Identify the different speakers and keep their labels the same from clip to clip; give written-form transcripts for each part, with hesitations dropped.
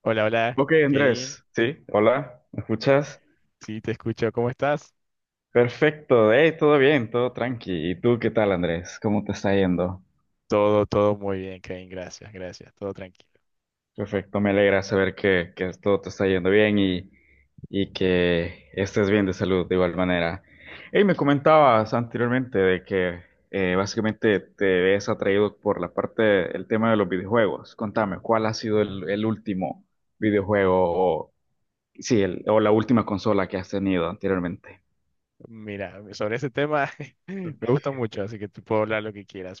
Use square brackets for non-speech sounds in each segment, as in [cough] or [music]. Speaker 1: Hola, hola,
Speaker 2: Ok,
Speaker 1: Kevin.
Speaker 2: Andrés, sí, hola, ¿me escuchas?
Speaker 1: Sí, te escucho. ¿Cómo estás?
Speaker 2: Perfecto, hey, todo bien, todo tranqui. ¿Y tú qué tal, Andrés? ¿Cómo te está yendo?
Speaker 1: Todo muy bien, Kevin. Gracias, gracias. Todo tranquilo.
Speaker 2: Perfecto, me alegra saber que todo te está yendo bien y que estés bien de salud de igual manera. Hey, me comentabas anteriormente de que básicamente te ves atraído por la parte del tema de los videojuegos. Contame, ¿cuál ha sido el último videojuego o, sí, o la última consola que has tenido anteriormente?
Speaker 1: Mira, sobre ese tema [laughs] me gusta mucho, así que tú puedo hablar lo que quieras.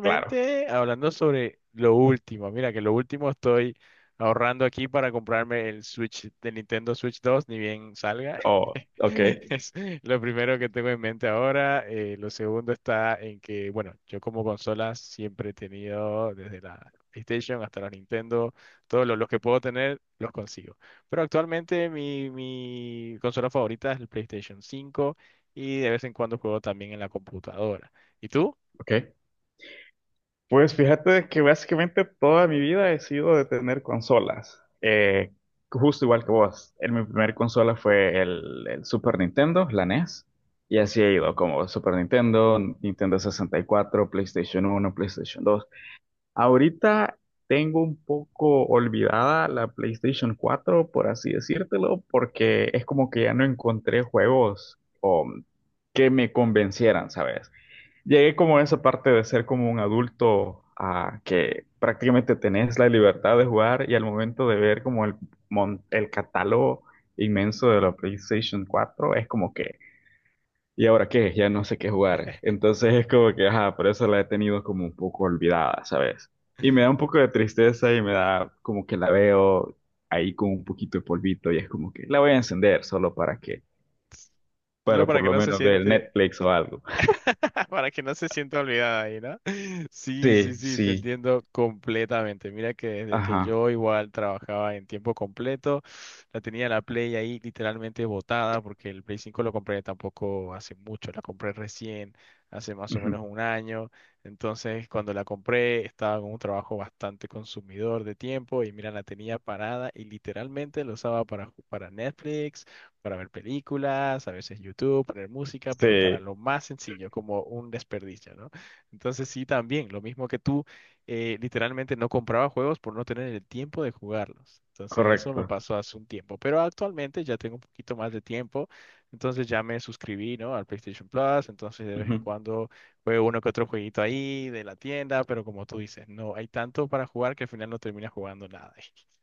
Speaker 2: Claro.
Speaker 1: hablando sobre lo último. Mira, que lo último estoy ahorrando aquí para comprarme el Switch de Nintendo Switch 2, ni bien salga. [laughs]
Speaker 2: Oh, ok,
Speaker 1: Es lo primero que tengo en mente ahora. Lo segundo está en que, bueno, yo como consolas siempre he tenido desde la PlayStation hasta la Nintendo, todos los que puedo tener los consigo. Pero actualmente mi consola favorita es el PlayStation 5 y de vez en cuando juego también en la computadora. ¿Y tú?
Speaker 2: ok. Pues fíjate que básicamente toda mi vida he sido de tener consolas. Justo igual que vos. En mi primer consola fue el Super Nintendo, la NES. Y así he ido, como Super Nintendo, Nintendo 64, PlayStation 1, PlayStation 2. Ahorita tengo un poco olvidada la PlayStation 4, por así decírtelo, porque es como que ya no encontré juegos que me convencieran, ¿sabes? Llegué como a esa parte de ser como un adulto que prácticamente tenés la libertad de jugar y al momento de ver como el catálogo inmenso de la PlayStation 4 es como que, ¿y ahora qué? Ya no sé qué jugar.
Speaker 1: [laughs]
Speaker 2: Entonces es como que, ajá, por eso la he tenido como un poco olvidada, ¿sabes? Y me da un poco de tristeza y me da como que la veo ahí con un poquito de polvito y es como que la voy a encender solo
Speaker 1: Solo
Speaker 2: para
Speaker 1: para
Speaker 2: por
Speaker 1: que
Speaker 2: lo
Speaker 1: no se
Speaker 2: menos ver
Speaker 1: siente,
Speaker 2: Netflix o algo.
Speaker 1: [laughs] para que no se sienta olvidada ahí, ¿no? [laughs] Sí, sí,
Speaker 2: Sí,
Speaker 1: sí, te
Speaker 2: sí,
Speaker 1: entiendo completamente. Mira que desde que
Speaker 2: ajá.
Speaker 1: yo igual trabajaba en tiempo completo, la tenía la Play ahí literalmente botada porque el Play 5 lo compré tampoco hace mucho, la compré recién, hace más o menos un año. Entonces, cuando la compré, estaba con un trabajo bastante consumidor de tiempo y mira, la tenía parada y literalmente lo usaba para, para Netflix, para ver películas, a veces YouTube, poner música, pero para
Speaker 2: Sí,
Speaker 1: lo más sencillo, como un desperdicio, ¿no? Entonces sí, también, lo mismo que tú, literalmente no compraba juegos por no tener el tiempo de jugarlos. Entonces eso me
Speaker 2: correcto.
Speaker 1: pasó hace un tiempo, pero actualmente ya tengo un poquito más de tiempo, entonces ya me suscribí, ¿no? Al PlayStation Plus, entonces de vez en
Speaker 2: Ujú.
Speaker 1: cuando juego uno que otro jueguito ahí de la tienda, pero como tú dices, no hay tanto para jugar que al final no terminas jugando nada.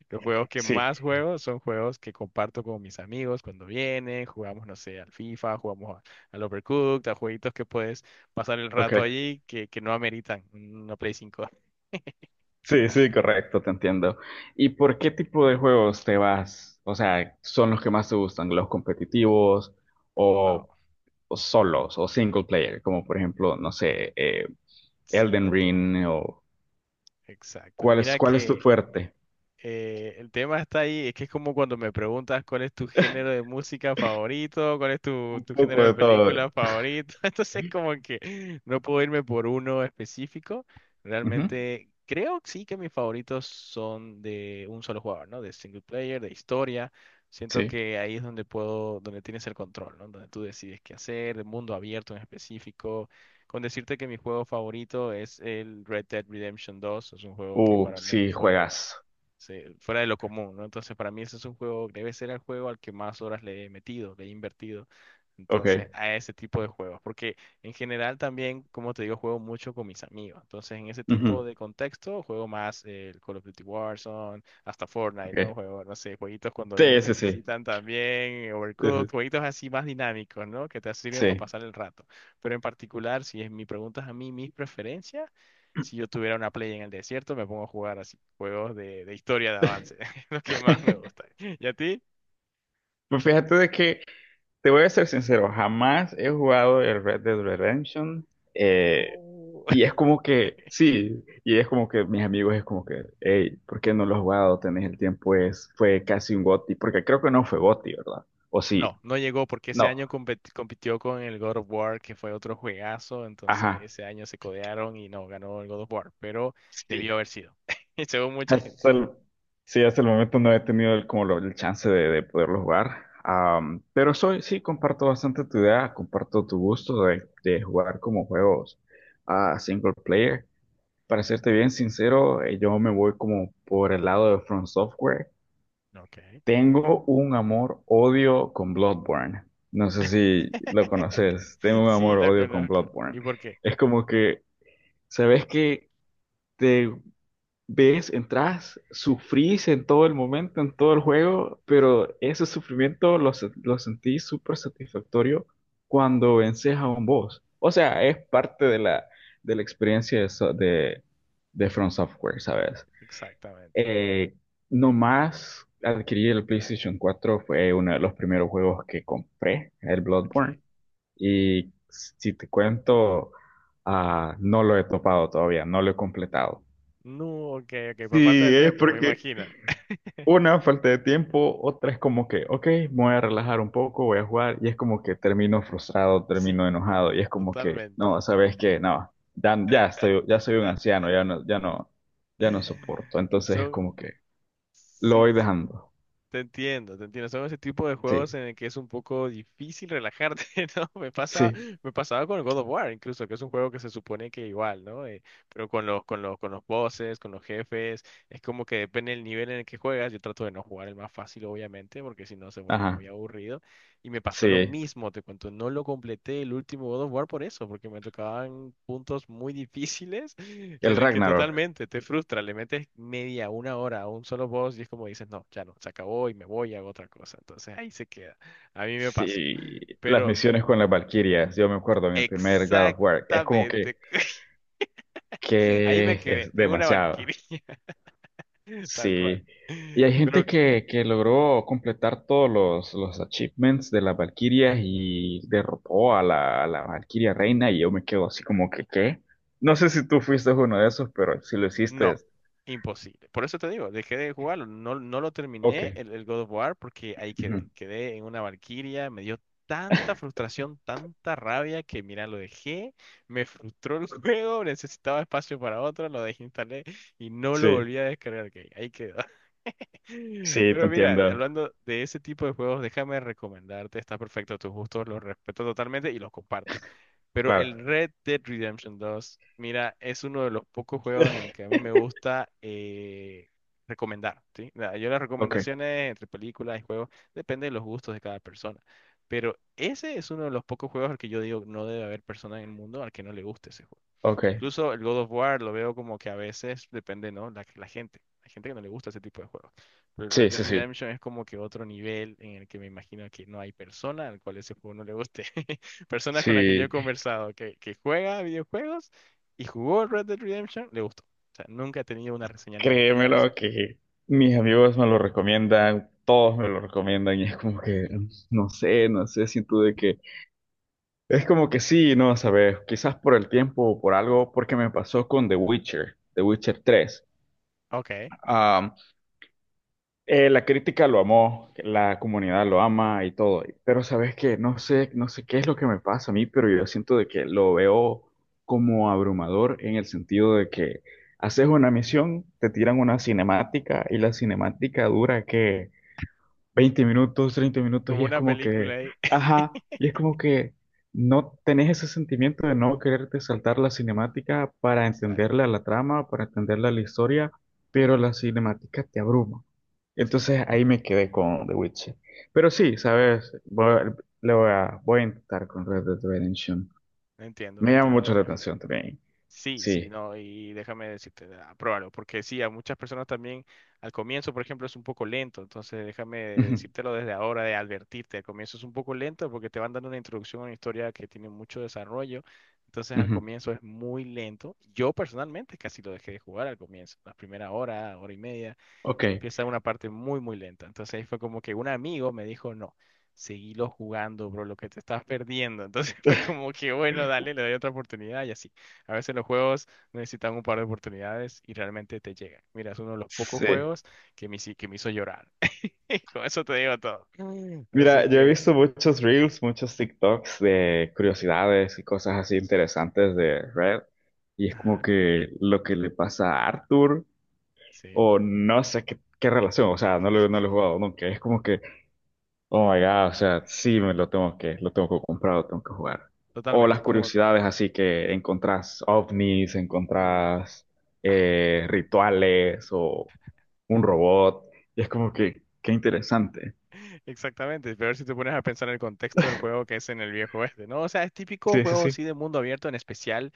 Speaker 1: Los juegos que
Speaker 2: Sí,
Speaker 1: más juego son juegos que comparto con mis amigos cuando vienen, jugamos, no sé, al FIFA, jugamos al Overcooked, a jueguitos que puedes pasar el
Speaker 2: ok.
Speaker 1: rato allí que no ameritan una Play cinco. [laughs]
Speaker 2: Sí, sí, correcto, te entiendo. ¿Y por qué tipo de juegos te vas? O sea, ¿son los que más te gustan? ¿Los competitivos
Speaker 1: Wow.
Speaker 2: o, o solos o single player? Como por ejemplo, no sé,
Speaker 1: Sí, te
Speaker 2: Elden
Speaker 1: entiendo.
Speaker 2: Ring o
Speaker 1: Exacto.
Speaker 2: ¿cuál es,
Speaker 1: Mira
Speaker 2: cuál es tu
Speaker 1: que
Speaker 2: fuerte?
Speaker 1: Eh, el tema está ahí, es que es como cuando me preguntas cuál es tu género de
Speaker 2: [laughs]
Speaker 1: música favorito, cuál es tu,
Speaker 2: Un
Speaker 1: tu género
Speaker 2: poco
Speaker 1: de
Speaker 2: de todo.
Speaker 1: película favorito, [laughs] entonces como que no puedo irme por uno específico,
Speaker 2: Ujú,
Speaker 1: realmente creo que sí, que mis favoritos son de un solo jugador, ¿no? De single player, de historia, siento
Speaker 2: sí.
Speaker 1: que ahí es donde puedo, donde tienes el control, ¿no? Donde tú decides qué hacer, de mundo abierto en específico, con decirte que mi juego favorito es el Red Dead Redemption 2, es un juego que para mí
Speaker 2: Sí,
Speaker 1: fue
Speaker 2: juegas.
Speaker 1: fuera de lo común, ¿no? Entonces, para mí ese es un juego, debe ser el juego al que más horas le he metido, le he invertido.
Speaker 2: Ok.
Speaker 1: Entonces, a ese tipo de juegos, porque en general también, como te digo, juego mucho con mis amigos. Entonces, en ese tipo
Speaker 2: Ujú,
Speaker 1: de contexto, juego más el Call of Duty Warzone, hasta Fortnite, ¿no?
Speaker 2: ok.
Speaker 1: Juego, no sé, jueguitos cuando vienen y
Speaker 2: Sí,
Speaker 1: me
Speaker 2: sí, sí.
Speaker 1: visitan también, Overcooked,
Speaker 2: Sí.
Speaker 1: jueguitos así más dinámicos, ¿no? Que te sirven para
Speaker 2: Sí.
Speaker 1: pasar el rato. Pero en particular, si es mi pregunta a mí, mis preferencias,
Speaker 2: Sí.
Speaker 1: si yo tuviera una play en el desierto, me pongo a jugar así juegos de historia de
Speaker 2: [laughs]
Speaker 1: avance, [laughs] lo que más me gusta. ¿Y a ti?
Speaker 2: Pues fíjate de que, te voy a ser sincero, jamás he jugado el Red Dead Redemption. eh,
Speaker 1: No,
Speaker 2: y es
Speaker 1: [laughs]
Speaker 2: como que, sí, y es como que mis amigos es como que, hey, ¿por qué no lo has jugado? Tenés el tiempo, fue casi un GOTY, porque creo que no fue GOTY, ¿verdad? O sí,
Speaker 1: no no llegó porque ese
Speaker 2: no,
Speaker 1: año compitió con el God of War, que fue otro juegazo, entonces
Speaker 2: ajá,
Speaker 1: ese año se codearon y no ganó el God of War, pero
Speaker 2: sí.
Speaker 1: debió haber sido, [laughs] según mucha
Speaker 2: Hasta
Speaker 1: gente.
Speaker 2: el, sí, hasta el momento no he tenido como el chance de poderlo jugar. Pero sí, comparto bastante tu idea, comparto tu gusto de jugar como juegos a single player. Para serte bien sincero, yo me voy como por el lado de From Software.
Speaker 1: Ok.
Speaker 2: Tengo un amor-odio con Bloodborne. No sé si lo
Speaker 1: [laughs]
Speaker 2: conoces. Tengo un
Speaker 1: Sí, lo
Speaker 2: amor-odio con
Speaker 1: conozco.
Speaker 2: Bloodborne.
Speaker 1: ¿Y por qué?
Speaker 2: Es como que, ¿sabes que ves, entras, sufrís en todo el momento, en todo el juego, pero ese sufrimiento lo sentí súper satisfactorio cuando vences a un boss. O sea, es parte de la experiencia de From Software, ¿sabes?
Speaker 1: Exactamente.
Speaker 2: Eh, Nomás adquirí el PlayStation 4 fue uno de los primeros juegos que compré, el Bloodborne.
Speaker 1: Ok.
Speaker 2: Y si te cuento, no lo he topado todavía, no lo he completado.
Speaker 1: No, ok, ok, por falta de
Speaker 2: Sí, es
Speaker 1: tiempo, me
Speaker 2: porque
Speaker 1: imagino.
Speaker 2: una, falta de tiempo, otra es como que, ok, me voy a relajar un poco, voy a jugar, y es como que termino frustrado,
Speaker 1: Sí,
Speaker 2: termino enojado, y es como que,
Speaker 1: totalmente.
Speaker 2: no, sabes que, no, ya, ya estoy, ya soy un anciano, ya no, ya no, ya no soporto,
Speaker 1: [laughs]
Speaker 2: entonces es
Speaker 1: Son,
Speaker 2: como que lo
Speaker 1: sí,
Speaker 2: voy
Speaker 1: sí.
Speaker 2: dejando,
Speaker 1: Te entiendo, te entiendo. Son ese tipo de juegos
Speaker 2: sí,
Speaker 1: en el que es un poco difícil relajarte, [laughs] ¿no? Me pasa,
Speaker 2: sí,
Speaker 1: me pasaba con el God of War, incluso, que es un juego que se supone que igual, ¿no? Pero con los, con los, con los bosses, con los jefes, es como que depende del nivel en el que juegas. Yo trato de no jugar el más fácil, obviamente, porque si no se vuelve
Speaker 2: ajá,
Speaker 1: muy aburrido. Y me pasó lo
Speaker 2: sí,
Speaker 1: mismo, te cuento, no lo completé el último God of War por eso, porque me tocaban puntos muy difíciles [laughs]
Speaker 2: el
Speaker 1: en el que
Speaker 2: Ragnarok,
Speaker 1: totalmente te frustra, le metes media, una hora a un solo boss y es como dices, no, ya no, se acabó y me voy a otra cosa. Entonces ahí se queda. A mí me pasó.
Speaker 2: sí, las
Speaker 1: Pero
Speaker 2: misiones con las Valquirias, yo me acuerdo en el primer God of War, es como
Speaker 1: exactamente, [laughs] ahí me
Speaker 2: que
Speaker 1: quedé,
Speaker 2: es
Speaker 1: en una
Speaker 2: demasiado.
Speaker 1: valquiria, [laughs] tal cual.
Speaker 2: Sí. Y hay
Speaker 1: Pero
Speaker 2: gente que logró completar todos los achievements de las Valquirias y derrotó a la Valquiria Reina y yo me quedo así como que, ¿qué? No sé si tú fuiste uno de esos, pero si lo hiciste,
Speaker 1: no, imposible. Por eso te digo, dejé de jugarlo. No, no lo
Speaker 2: ok.
Speaker 1: terminé el God of War porque ahí quedé.
Speaker 2: Ujú.
Speaker 1: Quedé en una Valquiria, me dio tanta
Speaker 2: [laughs]
Speaker 1: frustración, tanta rabia que mira, lo dejé, me frustró el [laughs] juego, necesitaba espacio para otro, lo desinstalé y no lo
Speaker 2: Sí,
Speaker 1: volví a descargar. Que Ahí quedó. [laughs]
Speaker 2: sí, te
Speaker 1: Pero mira,
Speaker 2: entiendo,
Speaker 1: hablando de ese tipo de juegos, déjame recomendarte, está perfecto a tus gustos, los respeto totalmente y los comparto. Pero
Speaker 2: claro.
Speaker 1: el Red Dead Redemption 2, mira, es uno de los pocos juegos en el que a mí
Speaker 2: [laughs]
Speaker 1: me gusta recomendar, ¿sí? Yo las
Speaker 2: Ok,
Speaker 1: recomendaciones entre películas y juegos depende de los gustos de cada persona. Pero ese es uno de los pocos juegos al que yo digo no debe haber persona en el mundo al que no le guste ese juego.
Speaker 2: ok.
Speaker 1: Incluso el God of War lo veo como que a veces depende, ¿no? La gente. Hay gente que no le gusta ese tipo de juegos. Pero el Red
Speaker 2: Sí,
Speaker 1: Dead
Speaker 2: sí, sí.
Speaker 1: Redemption es como que otro nivel en el que me imagino que no hay persona al cual ese juego no le guste. [laughs] Personas con las que yo he
Speaker 2: Sí,
Speaker 1: conversado que juega videojuegos y jugó Red Dead Redemption, le gustó. O sea, nunca he tenido una reseña negativa de ese.
Speaker 2: créemelo que mis amigos me lo recomiendan, todos me lo recomiendan y es como que no sé, no sé, siento de que es como que sí, no sabes, quizás por el tiempo o por algo, porque me pasó con The Witcher, The Witcher 3.
Speaker 1: Ok,
Speaker 2: Am, la crítica lo amó, la comunidad lo ama y todo, pero sabes que no sé, no sé qué es lo que me pasa a mí, pero yo siento de que lo veo como abrumador en el sentido de que haces una misión, te tiran una cinemática y la cinemática dura 20 minutos, 30 minutos,
Speaker 1: como
Speaker 2: y es
Speaker 1: una
Speaker 2: como
Speaker 1: película
Speaker 2: que,
Speaker 1: ahí. [laughs]
Speaker 2: ajá, y es como que no tenés ese sentimiento de no quererte saltar la cinemática para entenderle a
Speaker 1: Exacto,
Speaker 2: la trama, para entenderle a la historia, pero la cinemática te abruma.
Speaker 1: sí.
Speaker 2: Entonces ahí me quedé con The Witcher. Pero sí, sabes, voy a intentar con Red Dead Redemption.
Speaker 1: Entiendo,
Speaker 2: Me llama
Speaker 1: entiendo, me
Speaker 2: mucho la
Speaker 1: imagino.
Speaker 2: atención también.
Speaker 1: Sí, sí,
Speaker 2: Sí.
Speaker 1: no, y déjame decirte, ah, pruébalo, porque sí, a muchas personas también al comienzo, por ejemplo, es un poco lento, entonces déjame
Speaker 2: [laughs] Ujú,
Speaker 1: decírtelo desde ahora, de advertirte, al comienzo es un poco lento porque te van dando una introducción a una historia que tiene mucho desarrollo, entonces al
Speaker 2: ujú.
Speaker 1: comienzo es muy lento. Yo personalmente casi lo dejé de jugar al comienzo, la primera hora, hora y media
Speaker 2: Ok.
Speaker 1: empieza una parte muy, muy lenta. Entonces ahí fue como que un amigo me dijo, no, seguilo jugando, bro, lo que te estás perdiendo. Entonces [laughs] fue como
Speaker 2: [laughs]
Speaker 1: que, bueno, dale, le doy otra oportunidad y así. A veces los juegos necesitan un par de oportunidades y realmente te llegan. Mira, es uno de los pocos
Speaker 2: Sí.
Speaker 1: juegos que que me hizo llorar. [laughs] Y con eso te digo todo. [laughs]
Speaker 2: Mira,
Speaker 1: Así
Speaker 2: yo he
Speaker 1: que,
Speaker 2: visto muchos reels, muchos TikToks de curiosidades y cosas así interesantes de Red, y es como
Speaker 1: ajá,
Speaker 2: que lo que le pasa a Arthur,
Speaker 1: sí,
Speaker 2: o no sé qué relación, o sea, no lo he jugado nunca, es como que, oh my God, o sea, sí me lo tengo que comprar, lo tengo que jugar. O
Speaker 1: totalmente,
Speaker 2: las
Speaker 1: como...
Speaker 2: curiosidades así que encontrás ovnis,
Speaker 1: uh,
Speaker 2: encontrás rituales o un robot, y es como que, qué interesante.
Speaker 1: exactamente, pero si te pones a pensar en el contexto del juego que es en el viejo oeste, ¿no? O sea, es típico
Speaker 2: Sí, sí,
Speaker 1: juego
Speaker 2: sí.
Speaker 1: así de mundo abierto, en especial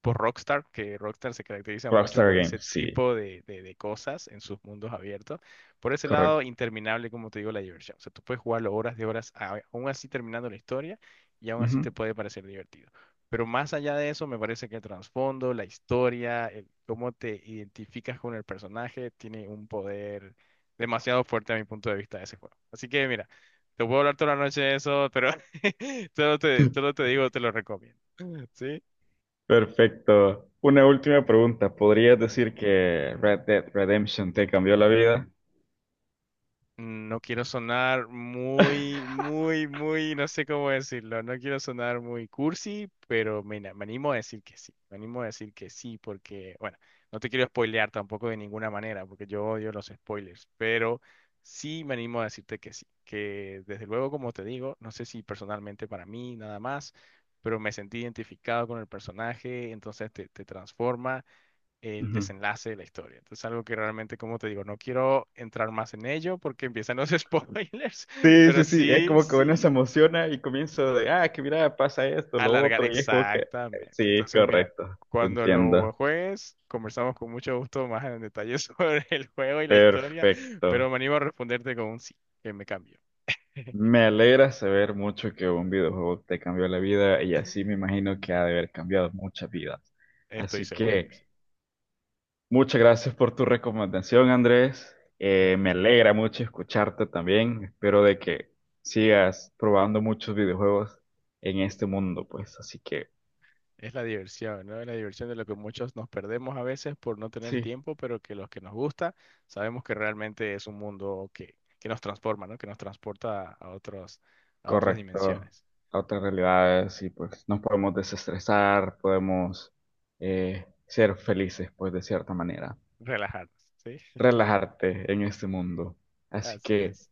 Speaker 1: por Rockstar, que Rockstar se caracteriza mucho
Speaker 2: Rockstar
Speaker 1: por ese
Speaker 2: Games, sí.
Speaker 1: tipo de cosas en sus mundos abiertos. Por ese lado,
Speaker 2: Correcto.
Speaker 1: interminable, como te digo, la diversión. O sea, tú puedes jugarlo horas de horas, aún así terminando la historia, y aún así te
Speaker 2: Ujú.
Speaker 1: puede parecer divertido. Pero más allá de eso, me parece que el trasfondo, la historia, el cómo te identificas con el personaje, tiene un poder demasiado fuerte a mi punto de vista de ese juego. Así que mira, te puedo hablar toda la noche de eso, pero [laughs] solo
Speaker 2: [laughs]
Speaker 1: te digo, te lo recomiendo. [laughs] ¿Sí?
Speaker 2: Perfecto. Una última pregunta. ¿Podrías
Speaker 1: Sí.
Speaker 2: decir que Red Dead Redemption te cambió la vida?
Speaker 1: No quiero sonar muy, muy,
Speaker 2: [laughs]
Speaker 1: muy, no sé cómo decirlo, no quiero sonar muy cursi, pero me animo a decir que sí, me animo a decir que sí, porque, bueno, no te quiero spoilear tampoco de ninguna manera, porque yo odio los spoilers, pero sí me animo a decirte que sí, que desde luego, como te digo, no sé si personalmente para mí nada más, pero me sentí identificado con el personaje, entonces te transforma el
Speaker 2: Ujú.
Speaker 1: desenlace de la historia. Entonces, algo que realmente, como te digo, no quiero entrar más en ello porque empiezan los [laughs] spoilers,
Speaker 2: Sí,
Speaker 1: pero
Speaker 2: sí, sí. Es
Speaker 1: sí,
Speaker 2: como que uno se
Speaker 1: sí,
Speaker 2: emociona y comienza de, que mira, pasa esto, lo
Speaker 1: alargar,
Speaker 2: otro. Y es como que,
Speaker 1: exactamente.
Speaker 2: sí,
Speaker 1: Entonces, mira,
Speaker 2: correcto. Te
Speaker 1: cuando lo
Speaker 2: entiendo.
Speaker 1: juegues, conversamos con mucho gusto más en detalle [laughs] sobre el juego y la historia,
Speaker 2: Perfecto.
Speaker 1: pero me animo a responderte con un sí, que me cambio. [laughs]
Speaker 2: Me alegra saber mucho que un videojuego te cambió la vida y así me imagino que ha de haber cambiado muchas vidas.
Speaker 1: Estoy
Speaker 2: Así
Speaker 1: seguro que sí.
Speaker 2: que... Muchas gracias por tu recomendación, Andrés.
Speaker 1: Dale,
Speaker 2: Me
Speaker 1: que
Speaker 2: alegra mucho escucharte también. Espero de que sigas probando muchos videojuegos en este mundo, pues. Así que
Speaker 1: es la diversión, ¿no? Es la diversión de lo que muchos nos perdemos a veces por no tener
Speaker 2: sí,
Speaker 1: tiempo, pero que los que nos gusta sabemos que realmente es un mundo que nos transforma, ¿no? Que nos transporta a otros, a otras
Speaker 2: correcto.
Speaker 1: dimensiones.
Speaker 2: A otras realidades y pues nos podemos desestresar, podemos ser felices, pues de cierta manera.
Speaker 1: Relajarnos, ¿sí?
Speaker 2: Relajarte en este mundo. Así
Speaker 1: Así
Speaker 2: que
Speaker 1: es.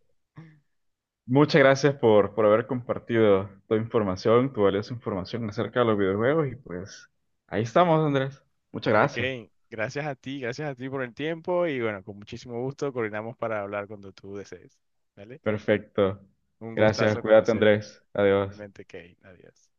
Speaker 2: muchas gracias por haber compartido tu información, tu valiosa información acerca de los videojuegos y pues ahí estamos, Andrés. Muchas
Speaker 1: Dale,
Speaker 2: gracias.
Speaker 1: Kane. Gracias a ti por el tiempo y bueno, con muchísimo gusto coordinamos para hablar cuando tú desees. ¿Vale?
Speaker 2: Perfecto.
Speaker 1: Un
Speaker 2: Gracias.
Speaker 1: gustazo
Speaker 2: Cuídate,
Speaker 1: conocerte.
Speaker 2: Andrés. Adiós.
Speaker 1: Igualmente, Kane. Adiós.